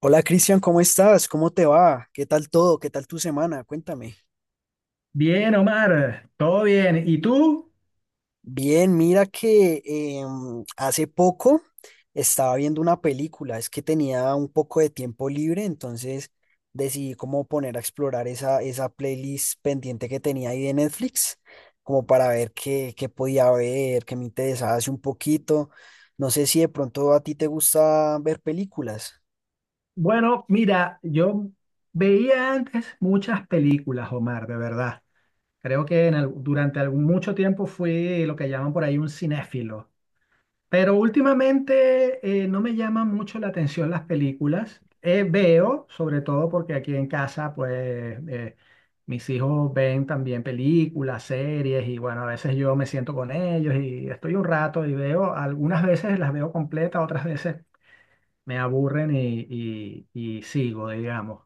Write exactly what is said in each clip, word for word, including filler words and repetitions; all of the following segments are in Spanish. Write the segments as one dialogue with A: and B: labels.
A: Hola Cristian, ¿cómo estás? ¿Cómo te va? ¿Qué tal todo? ¿Qué tal tu semana? Cuéntame.
B: Bien, Omar, todo bien. ¿Y tú?
A: Bien, mira que em, hace poco estaba viendo una película, es que tenía un poco de tiempo libre, entonces decidí como poner a explorar esa, esa playlist pendiente que tenía ahí de Netflix, como para ver qué, qué podía ver, qué me interesaba hace un poquito. No sé si de pronto a ti te gusta ver películas.
B: Bueno, mira, yo veía antes muchas películas, Omar, de verdad. Creo que en al- durante algún, mucho tiempo fui lo que llaman por ahí un cinéfilo. Pero últimamente eh, no me llaman mucho la atención las películas. Eh, veo, sobre todo porque aquí en casa, pues eh, mis hijos ven también películas, series y bueno, a veces yo me siento con ellos y estoy un rato y veo, algunas veces las veo completas, otras veces me aburren y, y- y sigo, digamos.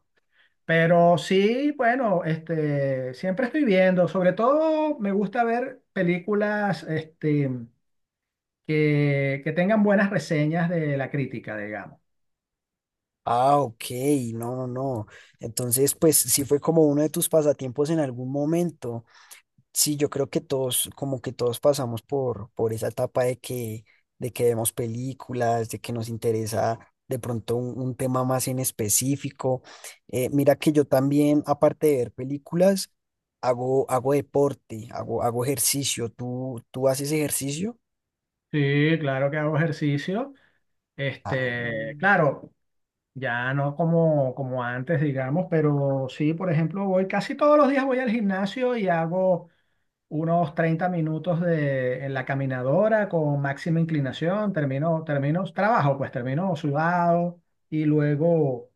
B: Pero sí, bueno, este, siempre estoy viendo, sobre todo me gusta ver películas este, que, que tengan buenas reseñas de la crítica, digamos.
A: Ah, ok, no, no, no. Entonces, pues sí fue como uno de tus pasatiempos en algún momento. Sí, yo creo que todos, como que todos pasamos por, por esa etapa de que, de que vemos películas, de que nos interesa de pronto un, un tema más en específico. Eh, mira que yo también, aparte de ver películas, hago, hago deporte, hago, hago ejercicio. ¿Tú, tú haces ejercicio?
B: Sí, claro que hago ejercicio.
A: Ah, no.
B: Este, claro, ya no como, como antes, digamos, pero sí, por ejemplo, voy casi todos los días voy al gimnasio y hago unos treinta minutos de, en la caminadora con máxima inclinación, termino, termino trabajo, pues termino sudado y luego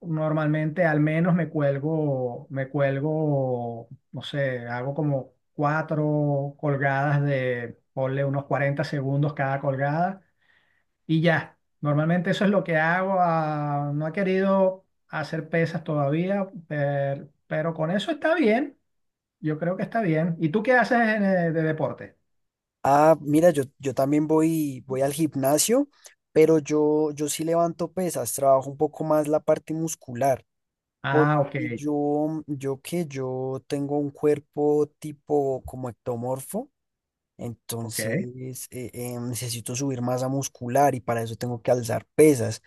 B: normalmente al menos me cuelgo, me cuelgo, no sé, hago como cuatro colgadas de, ponle unos cuarenta segundos cada colgada y ya. Normalmente eso es lo que hago. Ah, no he querido hacer pesas todavía, per- pero con eso está bien. Yo creo que está bien. ¿Y tú qué haces en, eh, de deporte?
A: Ah, mira, yo, yo también voy, voy al gimnasio, pero yo, yo sí levanto pesas, trabajo un poco más la parte muscular, porque
B: Ah, ok,
A: yo, yo que yo tengo un cuerpo tipo como ectomorfo,
B: ok.
A: entonces eh, eh, necesito subir masa muscular y para eso tengo que alzar pesas.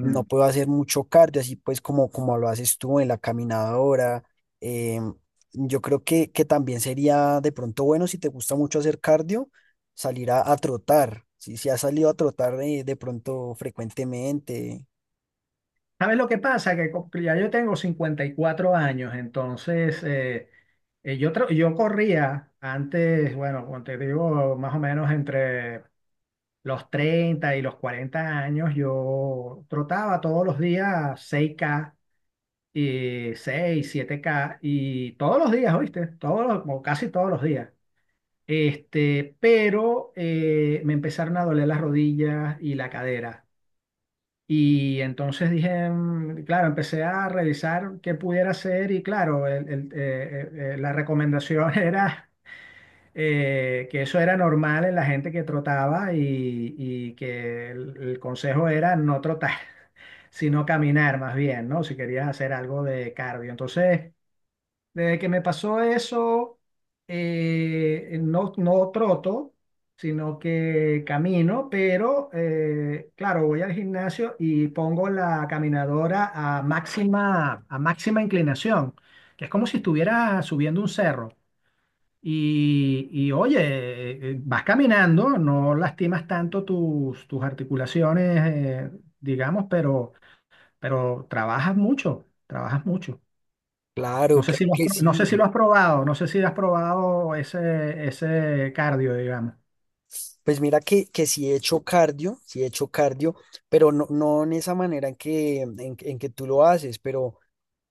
A: No puedo hacer mucho cardio, así pues como, como lo haces tú en la caminadora. em, yo creo que, que también sería de pronto bueno si te gusta mucho hacer cardio, salir a, a trotar. Si, si has salido a trotar eh, de pronto frecuentemente.
B: ¿Sabes lo que pasa? Que co- ya yo tengo cincuenta y cuatro años, entonces eh, eh, yo, tra- yo corría antes, bueno, como te digo, más o menos entre los treinta y los cuarenta años, yo trotaba todos los días seis k y seis, siete k y todos los días, ¿oíste? Todos los- o casi todos los días. Este, pero eh, me empezaron a doler las rodillas y la cadera. Y entonces dije, mm, claro, empecé a revisar qué pudiera hacer y claro, el- el, eh, eh, eh, la recomendación era eh, que eso era normal en la gente que trotaba y, y que el, el consejo era no trotar, sino caminar más bien, ¿no? Si querías hacer algo de cardio. Entonces desde que me pasó eso, eh, no, no troto, sino que camino, pero eh, claro, voy al gimnasio y pongo la caminadora a máxima, a máxima inclinación, que es como si estuviera subiendo un cerro. Y, y, oye, eh, vas caminando, no lastimas tanto tus, tus articulaciones, eh, digamos, pero, pero, trabajas mucho, trabajas mucho. No
A: Claro,
B: sé si
A: claro
B: lo has,
A: que
B: pro- no sé
A: sí.
B: si lo has probado, no sé si has probado ese, ese cardio, digamos.
A: Pues mira que, que sí he hecho cardio, sí he hecho cardio, pero no, no en esa manera en que, en, en que tú lo haces, pero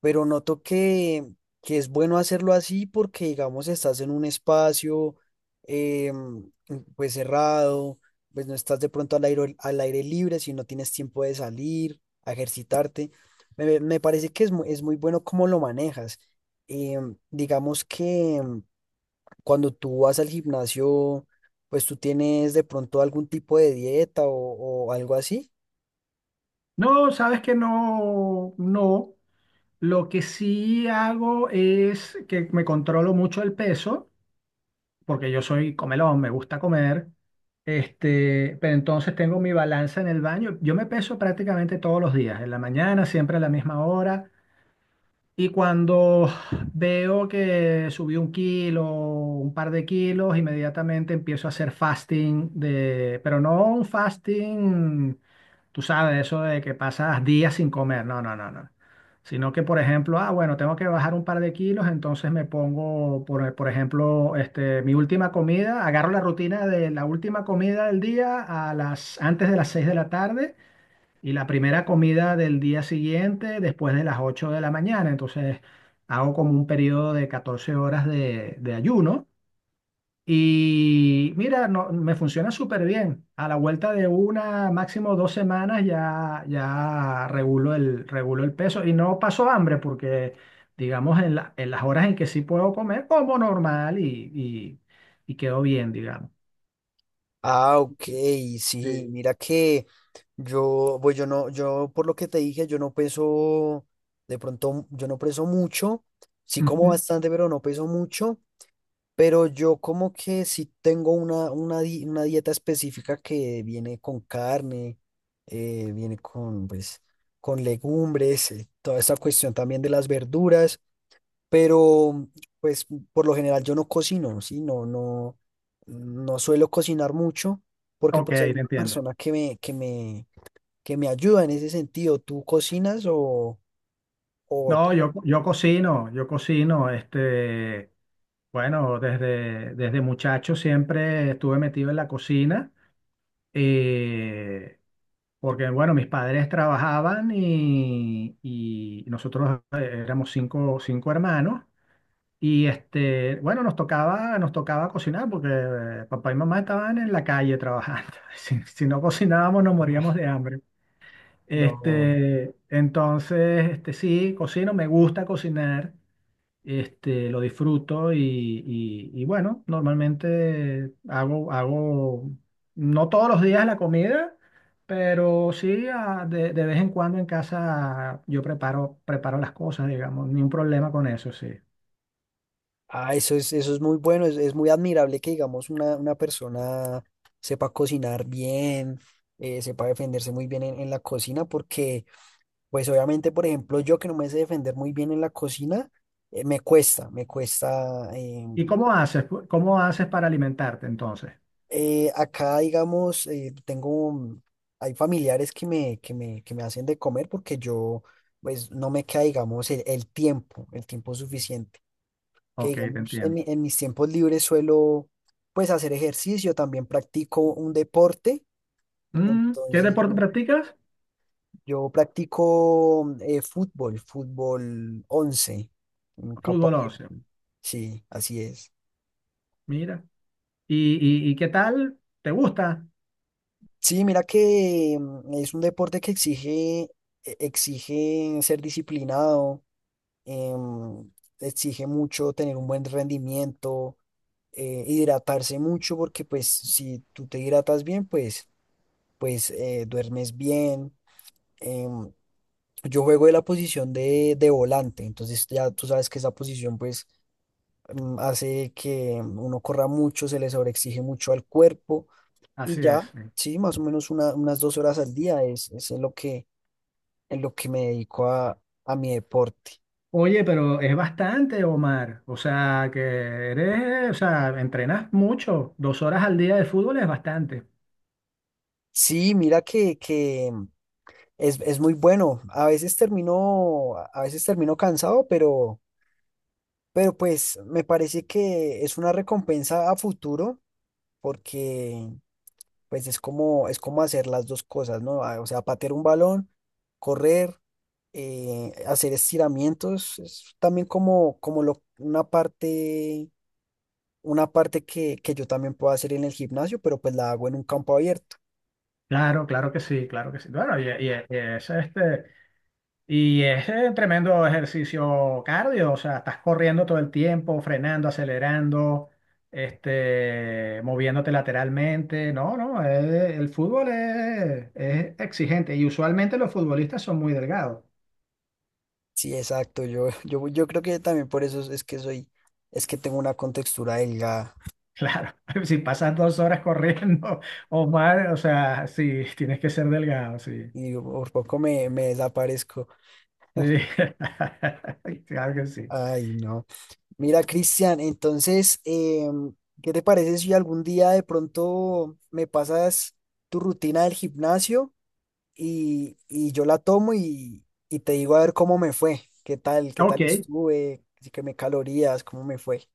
A: pero noto que, que es bueno hacerlo así porque, digamos, estás en un espacio eh, pues cerrado, pues no estás de pronto al aire, al aire libre, si no tienes tiempo de salir, a ejercitarte. Me, me parece que es muy, es muy bueno cómo lo manejas. Em, digamos que em, cuando tú vas al gimnasio, pues tú tienes de pronto algún tipo de dieta o, o algo así.
B: No, sabes que no, no. Lo que sí hago es que me controlo mucho el peso, porque yo soy comelón, me gusta comer. Este, pero entonces tengo mi balanza en el baño. Yo me peso prácticamente todos los días, en la mañana, siempre a la misma hora. Y cuando veo que subí un kilo, un par de kilos, inmediatamente empiezo a hacer fasting de, pero no un fasting, tú sabes, eso de que pasas días sin comer, no, no, no, no. Sino que, por ejemplo, ah, bueno, tengo que bajar un par de kilos, entonces me pongo, por, por ejemplo, este, mi última comida, agarro la rutina de la última comida del día a las, antes de las seis de la tarde y la primera comida del día siguiente, después de las ocho de la mañana. Entonces hago como un periodo de catorce horas de, de ayuno. Y mira, no, me funciona súper bien. A la vuelta de una, máximo dos semanas, ya, ya regulo el, regulo el peso. Y no paso hambre porque, digamos, en la- en las horas en que sí puedo comer, como normal y, y, y quedo bien, digamos.
A: Ah, ok, sí,
B: Sí.
A: mira que yo, pues yo no, yo por lo que te dije, yo no peso, de pronto, yo no peso mucho, sí como
B: Ujú.
A: bastante, pero no peso mucho, pero yo como que sí tengo una, una, di- una dieta específica que viene con carne, eh, viene con, pues, con legumbres, eh, toda esta cuestión también de las verduras, pero pues por lo general yo no cocino, sí, no, no, no suelo cocinar mucho, porque
B: Ok,
A: pues hay
B: te
A: una
B: entiendo.
A: persona que me, que me que me ayuda en ese sentido. ¿Tú cocinas o, o t-
B: No, yo, yo cocino, yo cocino, este, bueno, desde, desde muchacho siempre estuve metido en la cocina, eh, porque, bueno, mis padres trabajaban y, y nosotros eh, éramos cinco, cinco hermanos y, este, bueno, nos tocaba, nos tocaba cocinar porque eh, papá y mamá estaban en la calle trabajando. Si, si no cocinábamos nos moríamos
A: ah,
B: de hambre.
A: no?
B: Este, entonces, este, sí, cocino, me gusta cocinar. Este, lo disfruto y, y- y bueno, normalmente hago, hago, no todos los días la comida, pero sí ah, de, de vez en cuando en casa yo preparo, preparo las cosas, digamos, ni un problema con eso, sí.
A: Ah, eso es, eso es muy bueno, es, es muy admirable que digamos una, una persona sepa cocinar bien, eh, sepa defenderse muy bien en, en la cocina, porque pues obviamente, por ejemplo, yo que no me sé defender muy bien en la cocina, eh, me cuesta, me cuesta, eh,
B: ¿Y cómo haces? pu- ¿Cómo haces para alimentarte entonces?
A: Eh, acá, digamos, eh, tengo, un- hay familiares que me, que me, que me hacen de comer porque yo, pues, no me queda, digamos, el, el tiempo, el tiempo suficiente. Que,
B: Ok, te
A: digamos, en,
B: entiendo.
A: mi- en mis tiempos libres suelo, pues, hacer ejercicio, también practico un deporte.
B: Mm, ¿qué
A: Entonces,
B: deporte
A: no-
B: practicas?
A: yo practico mm, eh, fútbol, fútbol once en campo
B: Fútbol
A: abierto.
B: once.
A: Sí, así es.
B: Mira. ¿Y, y, y qué tal? ¿Te gusta?
A: Sí, mira que mm, es un deporte que exige, e- exige ser disciplinado, em, exige mucho tener un buen rendimiento, eh, hidratarse mucho, porque pues si tú te hidratas bien, pues, pues eh, duermes bien. em, yo juego de la posición de, de volante, entonces ya tú sabes que esa posición pues mm, hace que mm, uno corra mucho, se le sobreexige mucho al cuerpo y
B: Así
A: ya,
B: es.
A: sí, más o menos una- unas dos horas al día es, es en lo que, en lo que me dedico a, a mi deporte.
B: Oye, pero es bastante, Omar. O sea, que eres, o sea, entrenas mucho. Dos horas al día de fútbol es bastante.
A: Sí, mira que, que mm, es, es muy bueno. A veces termino, a veces termino cansado, pero, pero pues me parece que es una recompensa a futuro porque pues es como, es como hacer las dos cosas, ¿no? Ah, o sea, patear un balón, correr, eh, hacer estiramientos, es también como, como lo, una parte una parte que, que yo también puedo hacer en el gimnasio, pero pues la hago en un campo abierto.
B: Claro, claro que sí, claro que sí. Bueno, y, y- y es este, y es eh, tremendo ejercicio cardio. O sea, estás corriendo todo el tiempo, frenando, acelerando, este, moviéndote lateralmente. No, no, eh, el fútbol es, es exigente. Y usualmente los futbolistas son muy delgados.
A: Sí, exacto. Yo, yo, yo creo que también por eso es es que soy, es que tengo una contextura delgada
B: Claro, si pasas dos horas corriendo o más, o sea, sí, tienes que ser delgado, sí.
A: y por poco me, me desaparezco.
B: Sí, claro que sí.
A: Ay, no. Mira, Cristian, entonces, em, ¿qué te parece si algún día de pronto me pasas tu rutina del gimnasio y, y yo la tomo y, y te digo a ver cómo me fue? ¿Qué tal? ¿Qué
B: Ok,
A: tal estuve? Así que me calorías, ¿cómo me fue?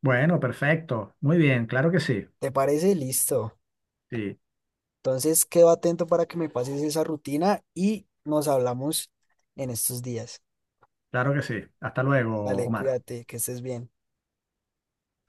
B: bueno, perfecto. Muy bien, claro que sí.
A: ¿Te parece? Listo.
B: Sí,
A: Entonces quedo atento para que me pases esa rutina y nos hablamos en estos días.
B: claro que sí. Hasta luego,
A: Dale,
B: Omar.
A: cuídate, que estés bien.